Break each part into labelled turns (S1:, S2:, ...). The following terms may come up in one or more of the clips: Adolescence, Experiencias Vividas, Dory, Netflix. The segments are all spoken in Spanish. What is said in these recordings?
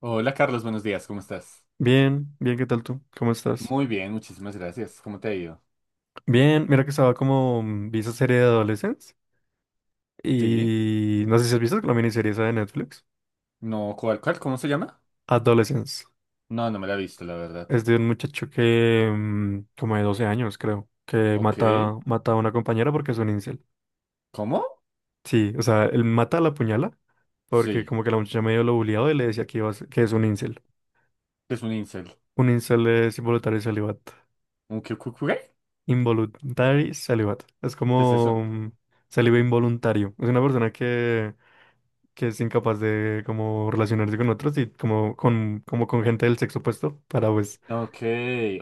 S1: Hola Carlos, buenos días, ¿cómo estás?
S2: Bien, bien, ¿qué tal tú? ¿Cómo estás?
S1: Muy bien, muchísimas gracias. ¿Cómo te ha ido?
S2: Bien, mira que estaba como, vi esa serie de Adolescence
S1: Sí.
S2: y no sé si has visto la miniserie esa de Netflix.
S1: No, ¿cuál, cuál? ¿Cómo se llama?
S2: Adolescence.
S1: No, no me la he visto, la verdad.
S2: Es de un muchacho que, como de 12 años, creo, que
S1: Ok.
S2: mata a una compañera porque es un incel.
S1: ¿Cómo?
S2: Sí, o sea, él mata a la puñala porque
S1: Sí.
S2: como que la muchacha medio lo bulleaba y le decía que, que es un incel.
S1: ¿Qué es un incel?
S2: Un incel es involuntario celibato.
S1: ¿Un qué? ¿Qué
S2: Involuntary celibato. Es
S1: ¿Qué es eso?
S2: como célibe involuntario. Es una persona que es incapaz de como relacionarse con otros y como con gente del sexo opuesto para pues,
S1: Ok.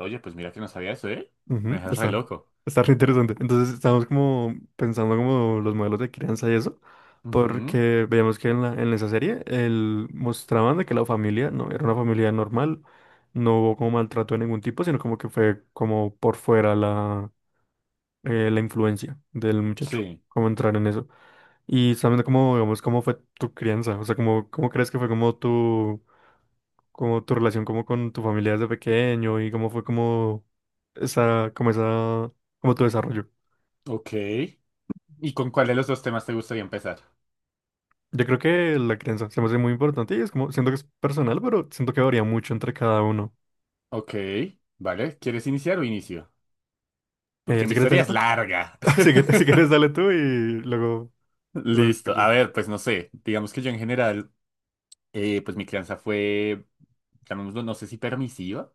S1: Oye, pues mira que no sabía eso, ¿eh? Me
S2: ujú,
S1: dejas re
S2: está,
S1: loco.
S2: está re interesante. Entonces estamos como pensando como los modelos de crianza y eso,
S1: Ujú,
S2: porque veíamos que en la, en esa serie el, mostraban de que la familia no era una familia normal, no hubo como maltrato de ningún tipo, sino como que fue como por fuera la, la influencia del muchacho,
S1: Sí.
S2: como entrar en eso. Y sabiendo cómo, digamos, cómo fue tu crianza, o sea, cómo, cómo crees que fue como tu relación como con tu familia desde pequeño y cómo fue como esa, como esa, como tu desarrollo.
S1: Ok. ¿Y con cuál de los dos temas te gustaría empezar?
S2: Yo creo que la crianza se me hace muy importante y es como, siento que es personal, pero siento que varía mucho entre cada uno.
S1: Ok. Vale, ¿quieres iniciar o inicio? Porque mi
S2: Si quieres,
S1: historia
S2: dale
S1: es
S2: tú.
S1: larga.
S2: Si quieres, si quieres, dale tú y luego, luego
S1: Listo.
S2: yo.
S1: A ver, pues no sé. Digamos que yo en general pues mi crianza fue, llamémoslo, no sé si permisiva,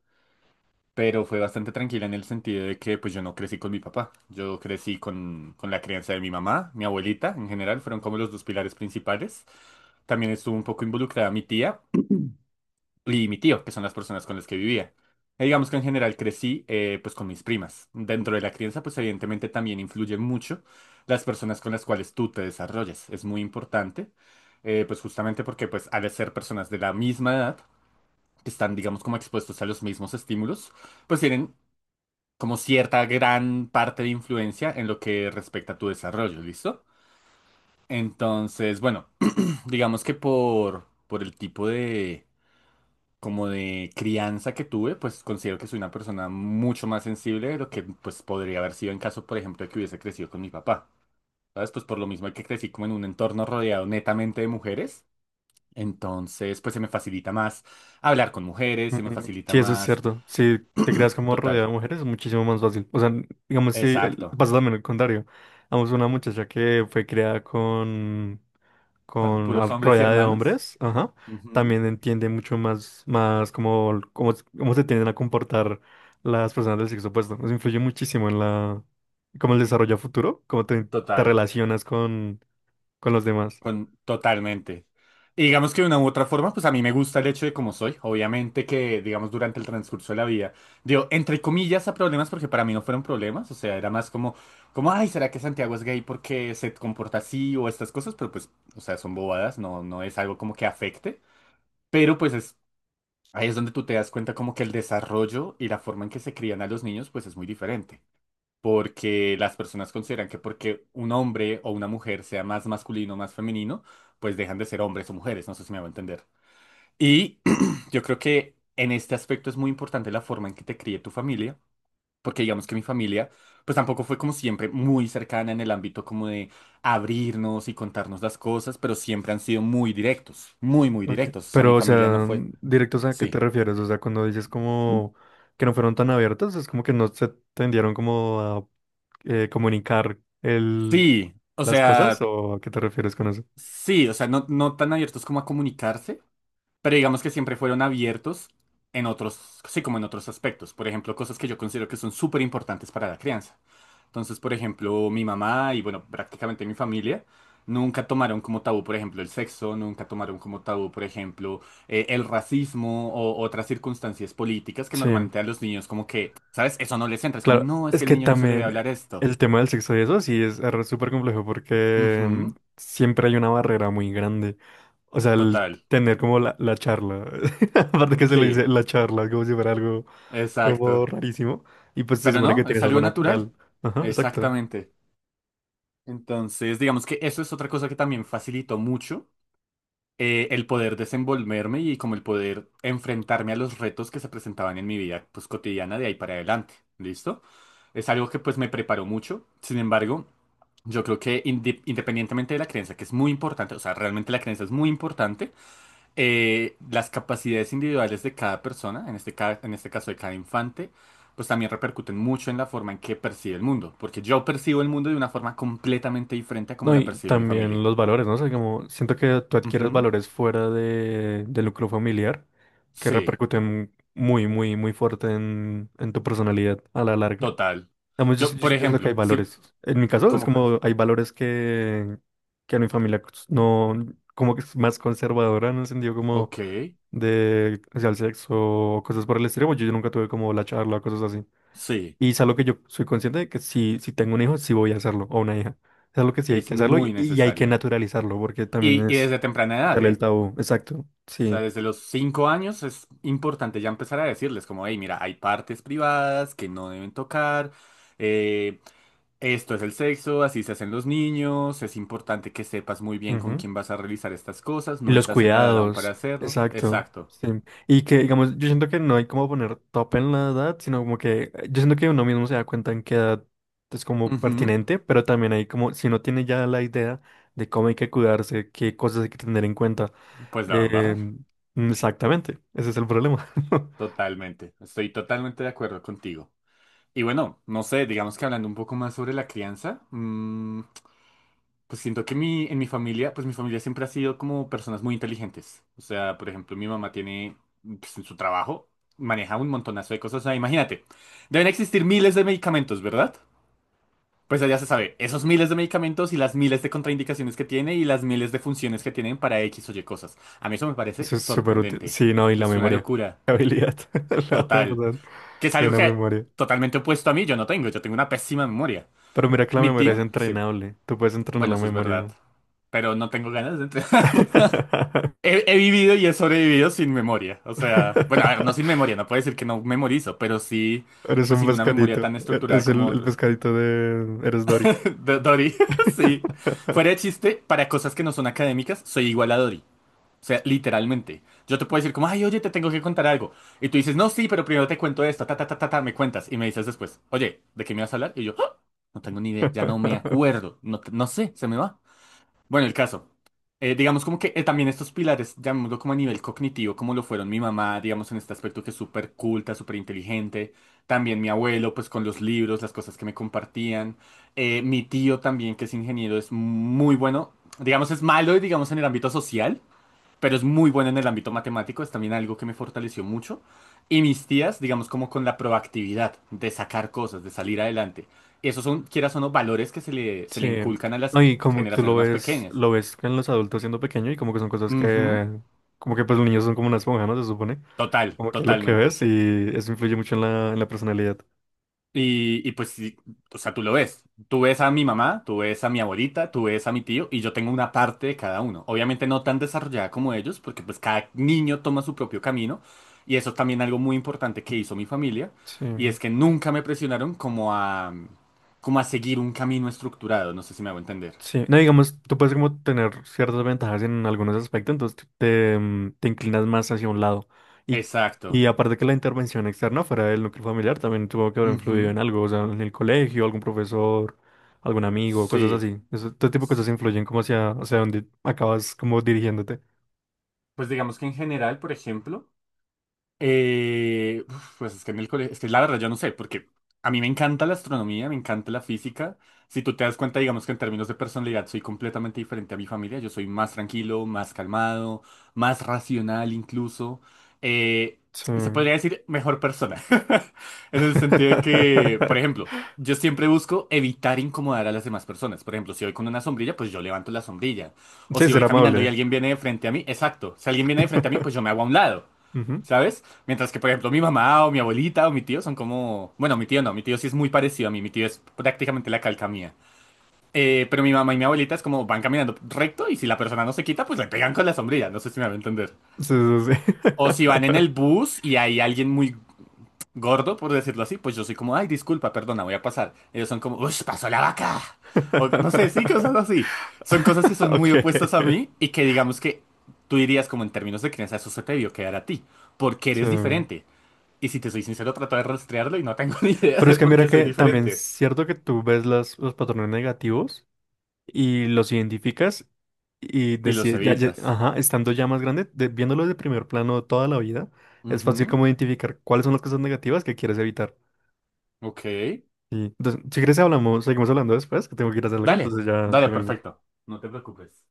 S1: pero fue bastante tranquila en el sentido de que pues yo no crecí con mi papá, yo crecí con la crianza de mi mamá, mi abuelita en general, fueron como los dos pilares principales. También estuvo un poco involucrada mi tía y mi tío, que son las personas con las que vivía. Y digamos que en general crecí pues con mis primas. Dentro de la crianza pues evidentemente también influye mucho las personas con las cuales tú te desarrollas, es muy importante. Pues justamente porque pues al ser personas de la misma edad, que están, digamos, como expuestos a los mismos estímulos, pues tienen como cierta gran parte de influencia en lo que respecta a tu desarrollo, ¿listo? Entonces, bueno, digamos que por el tipo de, como de crianza que tuve, pues considero que soy una persona mucho más sensible de lo que pues podría haber sido en caso, por ejemplo, de que hubiese crecido con mi papá. ¿Sabes? Pues por lo mismo que crecí como en un entorno rodeado netamente de mujeres, entonces pues se me facilita más hablar con mujeres,
S2: Mm,
S1: se me facilita
S2: sí, eso es
S1: más,
S2: cierto. Si te creas como
S1: total,
S2: rodeada de mujeres es muchísimo más fácil. O sea, digamos, si el-
S1: Exacto.
S2: pasa también el contrario. Vamos, una muchacha que fue creada con
S1: Con puros hombres y
S2: rodeada de
S1: hermanos.
S2: hombres, ajá,
S1: Ujú.
S2: también entiende mucho más, más cómo, cómo, cómo se tienden a comportar las personas del sexo opuesto. Nos influye muchísimo en la, cómo el desarrollo a futuro, cómo te, te
S1: Total.
S2: relacionas con los demás.
S1: Con, totalmente. Y digamos que de una u otra forma, pues a mí me gusta el hecho de cómo soy. Obviamente que, digamos, durante el transcurso de la vida, digo, entre comillas a problemas, porque para mí no fueron problemas. O sea, era más como, como, ay, ¿será que Santiago es gay porque se comporta así o estas cosas? Pero pues, o sea, son bobadas, no, no es algo como que afecte. Pero pues es, ahí es donde tú te das cuenta como que el desarrollo y la forma en que se crían a los niños, pues es muy diferente. Porque las personas consideran que porque un hombre o una mujer sea más masculino o más femenino, pues dejan de ser hombres o mujeres, no sé si me va a entender. Y yo creo que en este aspecto es muy importante la forma en que te críe tu familia, porque digamos que mi familia, pues tampoco fue como siempre muy cercana en el ámbito como de abrirnos y contarnos las cosas, pero siempre han sido muy directos, muy, muy
S2: Ok.
S1: directos. O sea, mi
S2: Pero, o
S1: familia no
S2: sea,
S1: fue...
S2: directos a qué te
S1: Sí,
S2: refieres, o sea, cuando dices como que no fueron tan abiertos, es como que no se tendieron como a comunicar el,
S1: sí, o
S2: las cosas,
S1: sea,
S2: ¿o a qué te refieres con eso?
S1: sí, o sea, no, no tan abiertos como a comunicarse. Pero digamos que siempre fueron abiertos en otros, sí, como en otros aspectos. Por ejemplo, cosas que yo considero que son súper importantes para la crianza. Entonces, por ejemplo, mi mamá y, bueno, prácticamente mi familia nunca tomaron como tabú, por ejemplo, el sexo, nunca tomaron como tabú, por ejemplo, el racismo o otras circunstancias políticas que
S2: Sí.
S1: normalmente a los niños como que, ¿sabes? Eso no les entra. Es como,
S2: Claro,
S1: no, es que
S2: es
S1: el
S2: que
S1: niño no se le debe
S2: también
S1: hablar esto.
S2: el tema del sexo y eso sí es súper complejo porque
S1: Ujú,
S2: siempre hay una barrera muy grande. O sea, el
S1: total.
S2: tener como la charla, aparte que se le
S1: Sí,
S2: dice la charla, como si fuera algo como
S1: exacto.
S2: rarísimo, y pues se
S1: Pero
S2: supone
S1: no,
S2: que
S1: es
S2: tienes algo
S1: algo natural.
S2: natural. Ajá, exacto.
S1: Exactamente. Entonces, digamos que eso es otra cosa que también facilitó mucho el poder desenvolverme y como el poder enfrentarme a los retos que se presentaban en mi vida pues cotidiana de ahí para adelante. ¿Listo? Es algo que pues me preparó mucho. Sin embargo, yo creo que independientemente de la creencia, que es muy importante, o sea, realmente la creencia es muy importante, las capacidades individuales de cada persona, en este caso de cada infante, pues también repercuten mucho en la forma en que percibe el mundo, porque yo percibo el mundo de una forma completamente diferente a como
S2: No,
S1: la
S2: y
S1: percibe mi
S2: también
S1: familia.
S2: los valores, ¿no? O sea, como siento que tú adquieres
S1: Ujú.
S2: valores fuera de, del núcleo familiar que
S1: Sí,
S2: repercuten muy, muy, muy fuerte en tu personalidad a la larga.
S1: total.
S2: Digamos, yo,
S1: Yo,
S2: yo,
S1: por
S2: yo siento que hay
S1: ejemplo, sí,
S2: valores. En mi caso, es
S1: ¿cómo cuál?
S2: como hay valores que a mi familia no, como que es más conservadora en el sentido como
S1: Ok,
S2: de, o sea, el sexo o cosas por el estilo. Pues yo nunca tuve como la charla o cosas así.
S1: sí,
S2: Y es algo que yo soy consciente de que si, si tengo un hijo, sí voy a hacerlo, o una hija. Es algo que sí
S1: y
S2: hay
S1: es
S2: que hacerlo
S1: muy
S2: y hay que
S1: necesario.
S2: naturalizarlo, porque también
S1: Y
S2: es
S1: desde temprana edad,
S2: quitarle el
S1: ¿eh?
S2: tabú. Exacto,
S1: O sea,
S2: sí.
S1: desde los 5 años es importante ya empezar a decirles como, hey, mira, hay partes privadas que no deben tocar, eh, Esto es el sexo, así se hacen los niños, es importante que sepas muy bien con
S2: Ujú.
S1: quién vas a realizar estas cosas,
S2: Y
S1: no
S2: los
S1: estás en la edad aún para
S2: cuidados,
S1: hacerlo.
S2: exacto.
S1: Exacto.
S2: Sí. Y que, digamos, yo siento que no hay como poner top en la edad, sino como que yo siento que uno mismo se da cuenta en qué edad es como
S1: Ujú,
S2: pertinente, pero también hay como, si uno tiene ya la idea de cómo hay que cuidarse, qué cosas hay que tener en cuenta.
S1: Pues la van a
S2: eh,
S1: barrar.
S2: Exactamente, ese es el problema.
S1: Totalmente. Estoy totalmente de acuerdo contigo. Y bueno, no sé, digamos que hablando un poco más sobre la crianza, mm, pues siento que en mi familia, pues mi familia siempre ha sido como personas muy inteligentes. O sea, por ejemplo, mi mamá tiene, pues en su trabajo, maneja un montonazo de cosas. O sea, imagínate, deben existir miles de medicamentos, ¿verdad? Pues ya se sabe, esos miles de medicamentos y las miles de contraindicaciones que tiene y las miles de funciones que tienen para X o Y cosas. A mí eso me parece
S2: Eso es súper útil.
S1: sorprendente.
S2: Sí, no, y la
S1: Es una
S2: memoria.
S1: locura.
S2: La habilidad, la
S1: Total.
S2: verdad.
S1: Que es
S2: Yo
S1: algo
S2: una
S1: que
S2: memoria.
S1: totalmente opuesto a mí yo no tengo. Yo tengo una pésima memoria.
S2: Pero mira que la
S1: Mi
S2: memoria es
S1: tío, sí.
S2: entrenable. Tú puedes entrenar
S1: Bueno,
S2: la
S1: eso es verdad.
S2: memoria.
S1: Pero no tengo ganas de entrenar. He vivido y he sobrevivido sin memoria. O sea, bueno, a ver, no sin memoria. No puedo decir que no memorizo, pero sí,
S2: Eres
S1: pues
S2: un
S1: sin una memoria
S2: pescadito.
S1: tan estructurada
S2: Es
S1: como
S2: el
S1: otros.
S2: pescadito de... Eres Dory.
S1: Dory, sí. Fuera de chiste, para cosas que no son académicas, soy igual a Dory. O sea, literalmente. Yo te puedo decir como, ay, oye, te tengo que contar algo. Y tú dices, no, sí, pero primero te cuento esto, ta, ta, ta, ta, ta, me cuentas. Y me dices después, oye, ¿de qué me vas a hablar? Y yo, "Ah, no tengo ni idea, ya no me acuerdo, no, no sé, se me va. Bueno, el caso. Digamos como que también estos pilares, llamémoslo como a nivel cognitivo, como lo fueron mi mamá, digamos en este aspecto que es súper culta, súper inteligente, también mi abuelo, pues con los libros, las cosas que me compartían, mi tío también, que es ingeniero, es muy bueno, digamos es malo, digamos en el ámbito social, pero es muy bueno en el ámbito matemático, es también algo que me fortaleció mucho, y mis tías, digamos como con la proactividad de sacar cosas, de salir adelante, esos son, quieras o no, valores que se le, se
S2: Sí.
S1: le inculcan a las
S2: No, y como tú
S1: generaciones más pequeñas.
S2: lo ves en los adultos siendo pequeño y como que son cosas
S1: Ujú,
S2: que... Como que pues los niños son como una esponja, ¿no? Se supone.
S1: Total,
S2: Como que lo que
S1: totalmente.
S2: ves y eso influye mucho en la personalidad.
S1: Y pues, sí, o sea, tú lo ves. Tú ves a mi mamá, tú ves a mi abuelita, tú ves a mi tío y yo tengo una parte de cada uno. Obviamente no tan desarrollada como ellos, porque pues cada niño toma su propio camino. Y eso es también algo muy importante que hizo mi familia. Y
S2: Sí.
S1: es que nunca me presionaron como a, como a seguir un camino estructurado. No sé si me hago entender.
S2: Sí, no digamos, tú puedes como tener ciertas ventajas en algunos aspectos, entonces tú te, te inclinas más hacia un lado. Y,
S1: Exacto.
S2: y aparte que la intervención externa fuera del núcleo familiar también tuvo que haber influido
S1: Ujú,
S2: en algo, o sea, en el colegio, algún profesor, algún amigo, cosas
S1: Sí.
S2: así. Eso, todo tipo de cosas influyen como hacia, hacia donde acabas como dirigiéndote.
S1: Pues digamos que en general, por ejemplo. Uf, pues es que en el colegio, es que la verdad yo no sé, porque a mí me encanta la astronomía, me encanta la física. Si tú te das cuenta, digamos que en términos de personalidad soy completamente diferente a mi familia. Yo soy más tranquilo, más calmado, más racional incluso. Eh,
S2: Sí.
S1: y se podría decir mejor persona. En el sentido de que, por ejemplo, yo siempre busco evitar incomodar a las demás personas. Por ejemplo, si voy con una sombrilla, pues yo levanto la sombrilla. O
S2: Sí,
S1: si voy
S2: ser
S1: caminando y
S2: amable.
S1: alguien viene de frente a mí, exacto. Si alguien viene de frente a mí, pues yo me hago a un lado.
S2: Ujú.
S1: ¿Sabes? Mientras que, por ejemplo, mi mamá o mi abuelita o mi tío son como... Bueno, mi tío no, mi tío sí es muy parecido a mí, mi tío es prácticamente la calca mía. Pero mi mamá y mi abuelita es como van caminando recto y si la persona no se quita, pues le pegan con la sombrilla, no sé si me va a entender.
S2: Sí, sí,
S1: O si
S2: sí.
S1: van en el bus y hay alguien muy gordo, por decirlo así, pues yo soy como, ay, disculpa, perdona, voy a pasar. Ellos son como, uy, pasó la vaca. O no sé, sí, cosas así. Son cosas que son muy
S2: Ok.
S1: opuestas a mí y que digamos que tú dirías como en términos de crianza, eso se te debió quedar a ti, porque eres
S2: Sí.
S1: diferente. Y si te soy sincero, trato de rastrearlo y no tengo ni idea
S2: Pero
S1: de
S2: es que
S1: por
S2: mira
S1: qué soy
S2: que también es
S1: diferente.
S2: cierto que tú ves las, los patrones negativos y los identificas y
S1: Y los
S2: decides, ya, ya-
S1: evitas.
S2: ajá, estando ya más grande, de- viéndolo de primer plano toda la vida, es fácil
S1: Ujú,
S2: como identificar cuáles son las cosas negativas que quieres evitar.
S1: Ok.
S2: Y, entonces, si quieres hablamos, seguimos hablando después, que tengo que ir a hacer algo,
S1: Dale,
S2: entonces ya,
S1: dale,
S2: ya vengo.
S1: perfecto. No te preocupes.